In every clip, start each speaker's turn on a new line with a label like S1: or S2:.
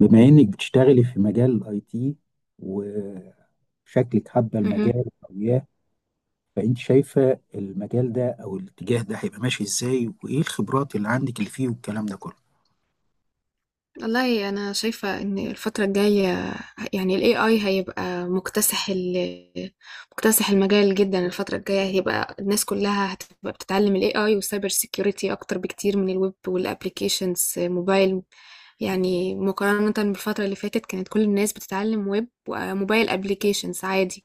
S1: بما انك بتشتغلي في مجال الاي تي، وشكلك حابه
S2: اهم.
S1: المجال وياه. فانت شايفه المجال ده او الاتجاه ده هيبقى ماشي ازاي؟ وايه الخبرات اللي عندك اللي فيه والكلام ده كله؟
S2: والله أنا شايفة إن الفترة الجاية يعني الAI هيبقى مكتسح المجال جدًا. الفترة الجاية هيبقى الناس كلها هتبقى بتتعلم الAI والcyber security أكتر بكتير من الويب والapplications موبايل، يعني مقارنة بالفترة اللي فاتت كانت كل الناس بتتعلم ويب وموبايل applications عادي.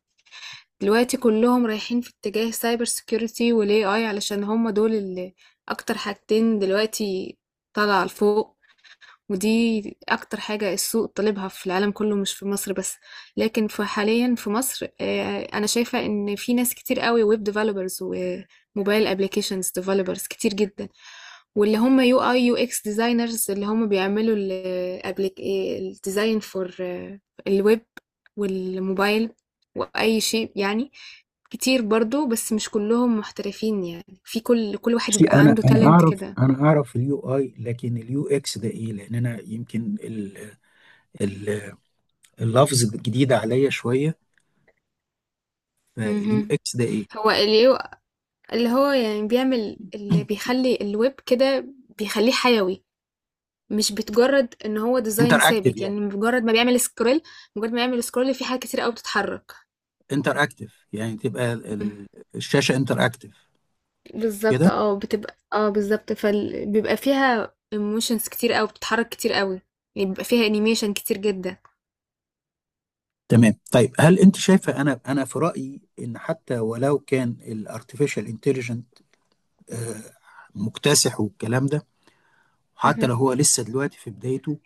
S2: دلوقتي كلهم رايحين في اتجاه cyber security وال AI، علشان هم دول اللي أكتر حاجتين دلوقتي طالعة لفوق. ودي أكتر حاجة السوق طالبها في العالم كله، مش في مصر بس. لكن في حاليا في مصر آه، أنا شايفة إن في ناس كتير قوي ويب ديفلوبرز وموبايل أبليكيشنز ديفلوبرز كتير جدا، واللي هم يو اي يو اكس ديزاينرز، اللي هم بيعملوا الديزاين فور الويب والموبايل واي شيء يعني. كتير برضو، بس مش كلهم محترفين، يعني في كل واحد
S1: بصي،
S2: بيبقى
S1: انا
S2: عنده
S1: انا
S2: تالنت
S1: اعرف
S2: كده.
S1: انا اعرف اليو اي، لكن اليو اكس ده ايه؟ لان انا يمكن ال ال اللفظ الجديد عليا شويه. فاليو
S2: مهم.
S1: اكس ده ايه؟
S2: هو ال اللي هو يعني بيعمل اللي بيخلي الويب كده، بيخليه حيوي، مش بتجرد ان هو ديزاين
S1: انتر اكتف
S2: ثابت.
S1: يعني.
S2: يعني مجرد ما بيعمل سكرول، مجرد ما يعمل سكرول، في حاجات كتير قوي بتتحرك.
S1: انتر اكتف يعني تبقى
S2: مم.
S1: الشاشه انتر اكتف، مش
S2: بالظبط،
S1: كده؟
S2: اه بتبقى اه بالظبط، فبيبقى فيها ايموشنز كتير قوي، بتتحرك كتير قوي، يعني بيبقى فيها انيميشن كتير
S1: تمام. طيب، هل انت شايفه، انا في رايي ان حتى ولو كان الارتفيشال انتليجنت مكتسح والكلام ده، حتى
S2: جدا.
S1: لو هو لسه دلوقتي في بدايته،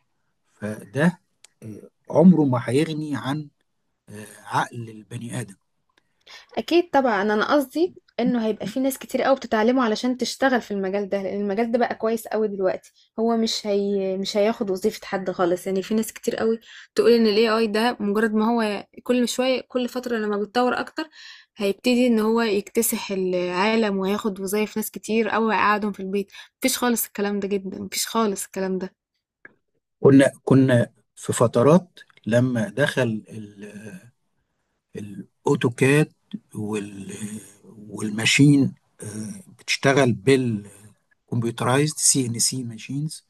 S1: فده عمره ما هيغني عن عقل البني ادم.
S2: اكيد طبعا، انا قصدي انه هيبقى في ناس كتير قوي بتتعلمه علشان تشتغل في المجال ده، لان المجال ده بقى كويس قوي دلوقتي. هو مش هي مش هياخد وظيفة حد خالص. يعني في ناس كتير قوي تقول ان الاي اي ده مجرد ما هو كل شوية، كل فترة لما بيتطور اكتر هيبتدي ان هو يكتسح العالم وهياخد وظايف ناس كتير قوي ويقعدهم في البيت. مفيش خالص الكلام ده جدا، مفيش خالص الكلام ده.
S1: كنا في فترات لما دخل الاوتوكاد وال والماشين، بتشتغل بالكمبيوترايزد سي ان سي ماشينز،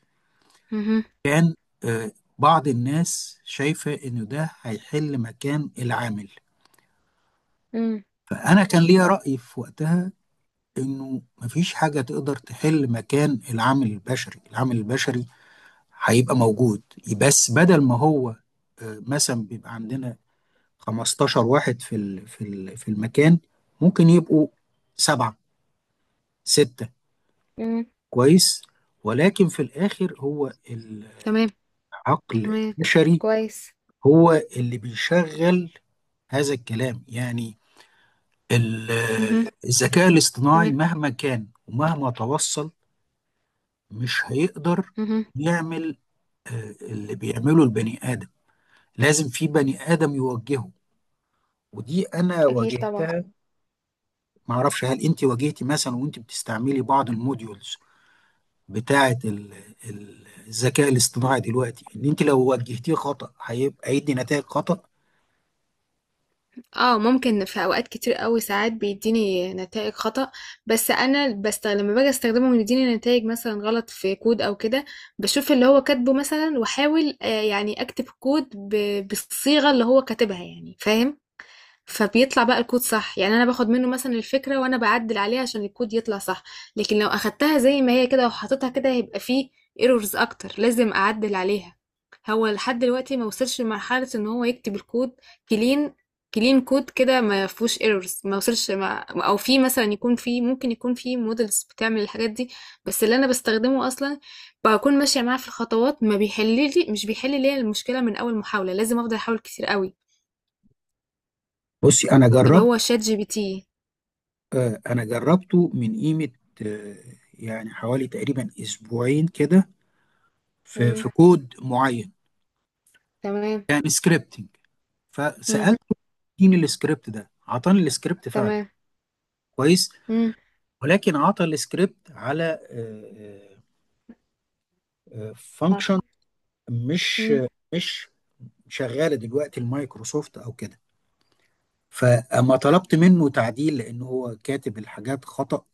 S2: مهم.
S1: كان آه، بعض الناس شايفة إنه ده هيحل مكان العامل.
S2: مم.
S1: فأنا كان ليا رأي في وقتها إنه مفيش حاجة تقدر تحل مكان العامل البشري. العامل البشري هيبقى موجود، بس بدل ما هو مثلا بيبقى عندنا 15 واحد في في المكان، ممكن يبقوا سبعة، ستة.
S2: مم.
S1: كويس. ولكن في الآخر هو
S2: تمام.
S1: العقل
S2: تمام.
S1: البشري،
S2: كويس.
S1: هو اللي بيشغل هذا الكلام. يعني ال-
S2: مهم.
S1: الذكاء الاصطناعي
S2: تمام.
S1: مهما كان ومهما توصل، مش هيقدر
S2: مهم.
S1: يعمل اللي بيعمله البني آدم، لازم في بني آدم يوجهه. ودي أنا
S2: اكيد طبعا.
S1: واجهتها. معرفش هل أنت واجهتي مثلا وأنت بتستعملي بعض الموديولز بتاعة الذكاء الاصطناعي دلوقتي، إن أنت لو وجهتيه خطأ هيبقى هيدي نتائج خطأ.
S2: اه ممكن، في اوقات كتير قوي ساعات بيديني نتائج خطأ. بس انا بست لما باجي استخدمه ويديني نتائج مثلا غلط في كود او كده، بشوف اللي هو كاتبه مثلا واحاول يعني اكتب كود بالصيغة اللي هو كاتبها، يعني فاهم. فبيطلع بقى الكود صح، يعني انا باخد منه مثلا الفكره وانا بعدل عليها عشان الكود يطلع صح. لكن لو اخدتها زي ما هي كده وحطيتها كده هيبقى فيه ايرورز اكتر، لازم اعدل عليها. هو لحد دلوقتي ما وصلش لمرحله ان هو يكتب الكود كلين كلين كود كده ما فيهوش ايرورز. ما وصلش، ما او في مثلا يكون في ممكن يكون في مودلز بتعمل الحاجات دي، بس اللي انا بستخدمه اصلا بكون ماشيه معاه في الخطوات، ما بيحل لي مش بيحل لي المشكله من اول محاوله، لازم افضل احاول كتير قوي.
S1: بصي، أنا
S2: اللي
S1: جربت
S2: هو شات جي بي تي.
S1: آه، انا جربته من قيمة، آه، يعني حوالي تقريبا اسبوعين كده، في
S2: إمم،
S1: في كود معين،
S2: تمام،
S1: كان سكريبتنج،
S2: إمم،
S1: فسألته اديني السكريبت ده، عطاني السكريبت فعلا،
S2: تمام،
S1: كويس،
S2: إمم.
S1: ولكن عطى السكريبت على فانكشن
S2: مرحب.
S1: مش
S2: إمم.
S1: مش شغالة دلوقتي المايكروسوفت او كده. فاما طلبت منه تعديل، لان هو كاتب الحاجات خطأ،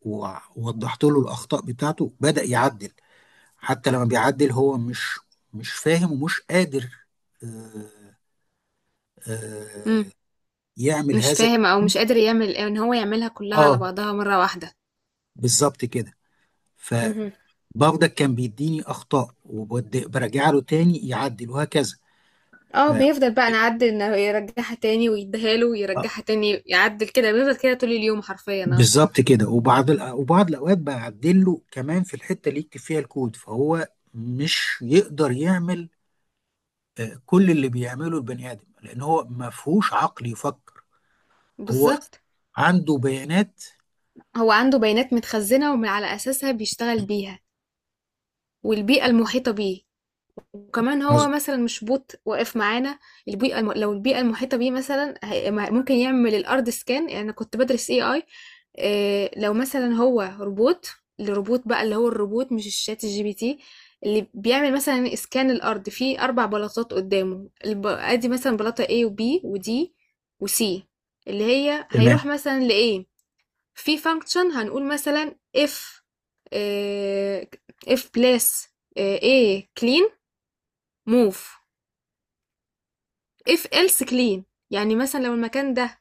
S1: ووضحت له الاخطاء بتاعته بدأ يعدل. حتى لما بيعدل هو مش فاهم ومش قادر آه،
S2: إمم،
S1: آه، يعمل
S2: مش
S1: هذا.
S2: فاهم أو مش قادر يعمل، إن هو يعملها كلّها على
S1: اه،
S2: بعضها مرّة واحدة.
S1: بالظبط كده.
S2: اهم،
S1: فبرضك كان بيديني اخطاء، وبرجع له تاني يعدل، وهكذا. ف
S2: بيفضل بقى نعدّل، إن يرجّعها تاني ويدّيها له
S1: آه،
S2: ويرجّعها تاني، يعدّل كده، بيفضل كده طول اليوم حرفيًا آه.
S1: بالظبط كده. وبعض الاوقات بعدل له كمان في الحته اللي يكتب فيها الكود، فهو مش يقدر يعمل كل اللي بيعمله البني ادم، لان هو ما فيهوش عقل يفكر. هو
S2: بالضبط،
S1: عنده بيانات.
S2: هو عنده بيانات متخزّنة ومن على أساسها بيشتغل بيها، والبيئة المحيطة بيه. وكمان هو
S1: مظبوط.
S2: مثلا مش بوت واقف معانا. لو البيئة المحيطة بيه مثلا ممكن يعمل الأرض سكان. يعني أنا كنت بدرس اي اي. إيه، لو مثلا هو روبوت، الروبوت بقى، اللي هو الروبوت مش الشات الجي بي تي، اللي بيعمل مثلا اسكان الارض في اربع بلاطات قدامه. ادي مثلا بلاطه A و B و D و C، اللي هي
S1: تمام.
S2: هيروح مثلا ل A. في فانكشن هنقول مثلا if، آه، if place، A clean move، if else clean. يعني مثلا لو المكان ده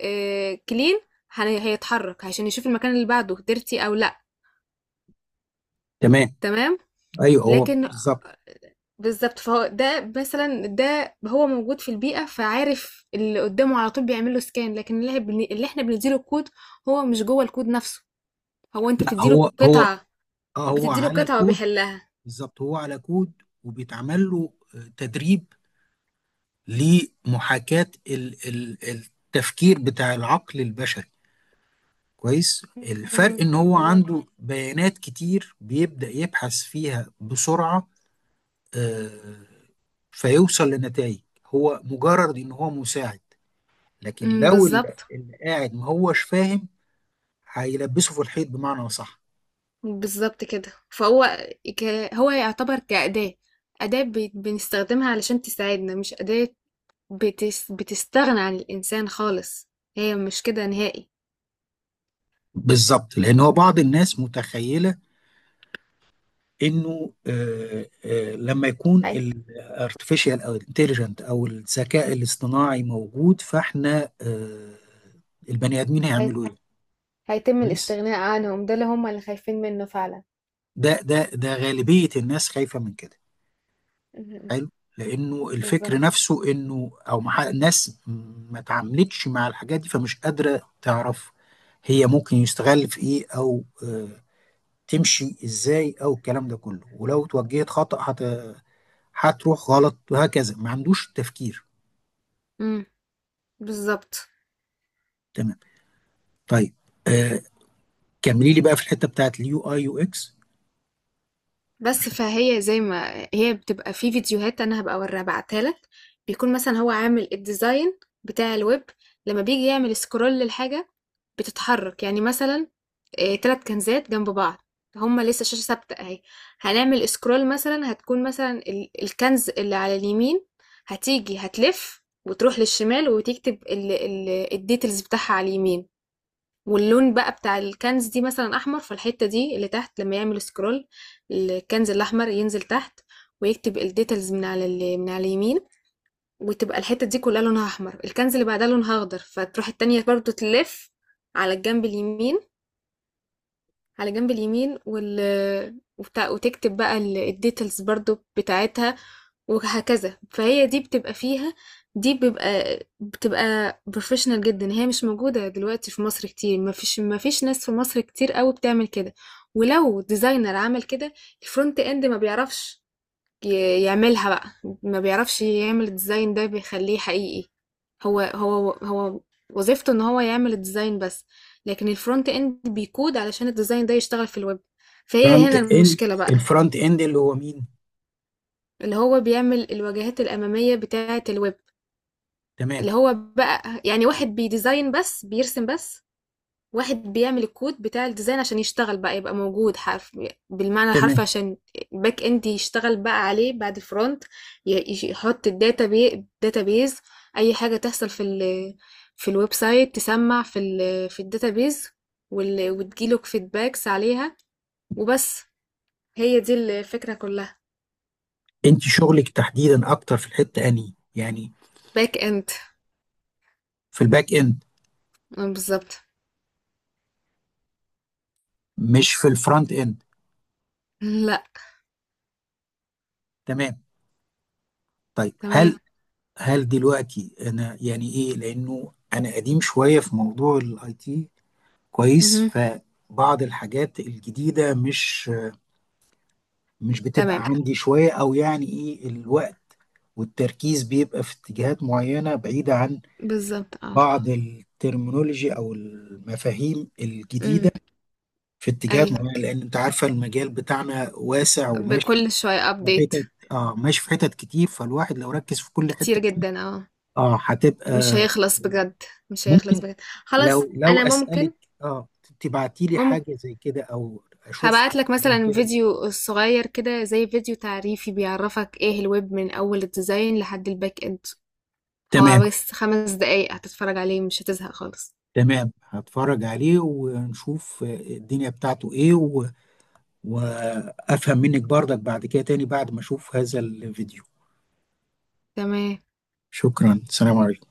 S2: clean، هيتحرك عشان يشوف المكان اللي بعده dirty او لا.
S1: تمام.
S2: تمام.
S1: ايوه، هو
S2: لكن
S1: بالظبط.
S2: بالظبط، فهو ده مثلا، ده هو موجود في البيئة فعارف اللي قدامه على طول، بيعمل له سكان. لكن اللي احنا بنديله الكود، هو مش جوه الكود نفسه، هو انت
S1: لا،
S2: بتديله قطعة،
S1: هو
S2: بتديله
S1: على
S2: قطعة
S1: كود.
S2: وبيحلها.
S1: بالظبط، هو على كود، وبيتعمل له تدريب لمحاكاة التفكير بتاع العقل البشري. كويس.
S2: مهم.
S1: الفرق ان هو
S2: تمام.
S1: عنده بيانات كتير، بيبدأ يبحث فيها بسرعة، آه، فيوصل لنتائج. هو مجرد ان هو مساعد، لكن لو اللي
S2: بالظبط.
S1: اللي قاعد ما هوش فاهم هيلبسه في الحيط، بمعنى صح.
S2: بالظبط كده. ك... هو يعتبر كأداة، أداة بنستخدمها علشان تساعدنا، مش أداة بتستغنى عن الإنسان خالص. هي مش كده نهائي.
S1: بالظبط. لان هو بعض الناس متخيله انه لما يكون
S2: هي...
S1: الارتفيشال او الانتليجنت او الذكاء الاصطناعي موجود، فاحنا البني ادمين
S2: هي...
S1: هيعملوا ايه؟
S2: هيتم
S1: كويس.
S2: الاستغناء عنهم، ده اللي هم اللي خايفين منه فعلا.
S1: ده غالبيه الناس خايفه من كده.
S2: م- م.
S1: حلو. لانه الفكر
S2: بالظبط.
S1: نفسه انه الناس ما تعاملتش مع الحاجات دي، فمش قادره تعرف هي ممكن يستغل في ايه، او تمشي ازاي، او الكلام ده كله. ولو توجهت خطأ، هتروح غلط، وهكذا، ما عندوش تفكير.
S2: امم بالظبط.
S1: تمام. طيب، آه كملي لي بقى في الحته بتاعت اليو اي يو اكس.
S2: بس
S1: عشان،
S2: فهي زي ما هي بتبقى في فيديوهات، انا هبقى اوريها ابعتها لك. بيكون مثلا هو عامل الديزاين بتاع الويب، لما بيجي يعمل سكرول للحاجة بتتحرك. يعني مثلا آه، تلات كنزات جنب بعض، هما لسه شاشة ثابتة اهي. هنعمل سكرول مثلا، هتكون مثلا الكنز اللي على اليمين هتيجي هتلف وتروح للشمال، وتكتب الديتيلز بتاعها على اليمين. واللون بقى بتاع الكنز دي مثلا احمر، فالحته دي اللي تحت لما يعمل سكرول الكنز الاحمر ينزل تحت، ويكتب الديتيلز من على من على اليمين، وتبقى الحته دي كلها لونها احمر. الكنز اللي بعدها لونها اخضر، فتروح التانية برضو تلف على الجنب اليمين، على جنب اليمين، وال... وبتاع وتكتب بقى الديتيلز برضو بتاعتها، وهكذا. فهي دي بتبقى فيها، دي بيبقى بتبقى بروفيشنال جدا. هي مش موجودة دلوقتي في مصر كتير، ما فيش ناس في مصر كتير قوي بتعمل كده. ولو ديزاينر عمل كده، الفرونت اند ما بيعرفش يعملها بقى، ما بيعرفش يعمل الديزاين ده بيخليه حقيقي. هو وظيفته ان هو يعمل الديزاين بس، لكن الفرونت اند بيكود علشان الديزاين ده يشتغل في الويب. فهي
S1: فرونت
S2: هنا
S1: اند،
S2: المشكلة بقى.
S1: الفرونت اند اللي هو مين؟
S2: اللي هو بيعمل الواجهات الأمامية بتاعة الويب،
S1: تمام.
S2: اللي هو بقى يعني واحد بيديزاين بس، بيرسم بس، واحد بيعمل الكود بتاع الديزاين عشان يشتغل بقى، يبقى موجود حرف، بالمعنى الحرفي،
S1: تمام،
S2: عشان الباك اند يشتغل بقى عليه بعد الفرونت، يحط الداتا بي داتا بيز، اي حاجه تحصل في في الويب سايت تسمع في في الداتا بيز، وتجيله فيدباكس عليها، وبس. هي دي الفكره كلها.
S1: انت شغلك تحديدا اكتر في الحته، اني يعني،
S2: باك اند.
S1: في الباك اند،
S2: آه، بالظبط
S1: مش في الفرونت اند.
S2: لا.
S1: تمام. طيب،
S2: تمام.
S1: هل دلوقتي انا يعني ايه، لانه انا قديم شويه في موضوع الاي تي. كويس.
S2: مهم.
S1: فبعض الحاجات الجديده مش بتبقى
S2: تمام.
S1: عندي شويه، او يعني ايه، الوقت والتركيز بيبقى في اتجاهات معينة بعيدة عن
S2: بالظبط اه.
S1: بعض الترمينولوجي أو المفاهيم الجديدة
S2: امم.
S1: في اتجاهات
S2: ايوه،
S1: معينة، لأن أنت عارفة المجال بتاعنا واسع وماشي
S2: بكل شويه
S1: في
S2: ابديت.
S1: حتت، ماشي في حتت كتير، فالواحد لو ركز في كل
S2: كتير
S1: حتة فيه،
S2: جدا اه.
S1: هتبقى
S2: مش هيخلص بجد، مش هيخلص
S1: ممكن،
S2: بجد.
S1: لو
S2: خلاص.
S1: لو
S2: انا
S1: أسألك
S2: ممكن.
S1: آه تبعتي لي
S2: ممكن.
S1: حاجة زي كده، أو أشوف
S2: هبعت
S1: حاجة
S2: لك
S1: زي
S2: مثلا
S1: كده.
S2: فيديو صغير كده، زي فيديو تعريفي بيعرفك ايه الويب من اول الديزاين لحد الباك اند. هو
S1: تمام.
S2: بس 5 دقايق هتتفرج عليه، مش هتزهق خالص.
S1: تمام، هتفرج عليه ونشوف الدنيا بتاعته إيه، وافهم منك برضك بعد كده تاني بعد ما اشوف هذا الفيديو.
S2: تمام.
S1: شكرا، سلام عليكم.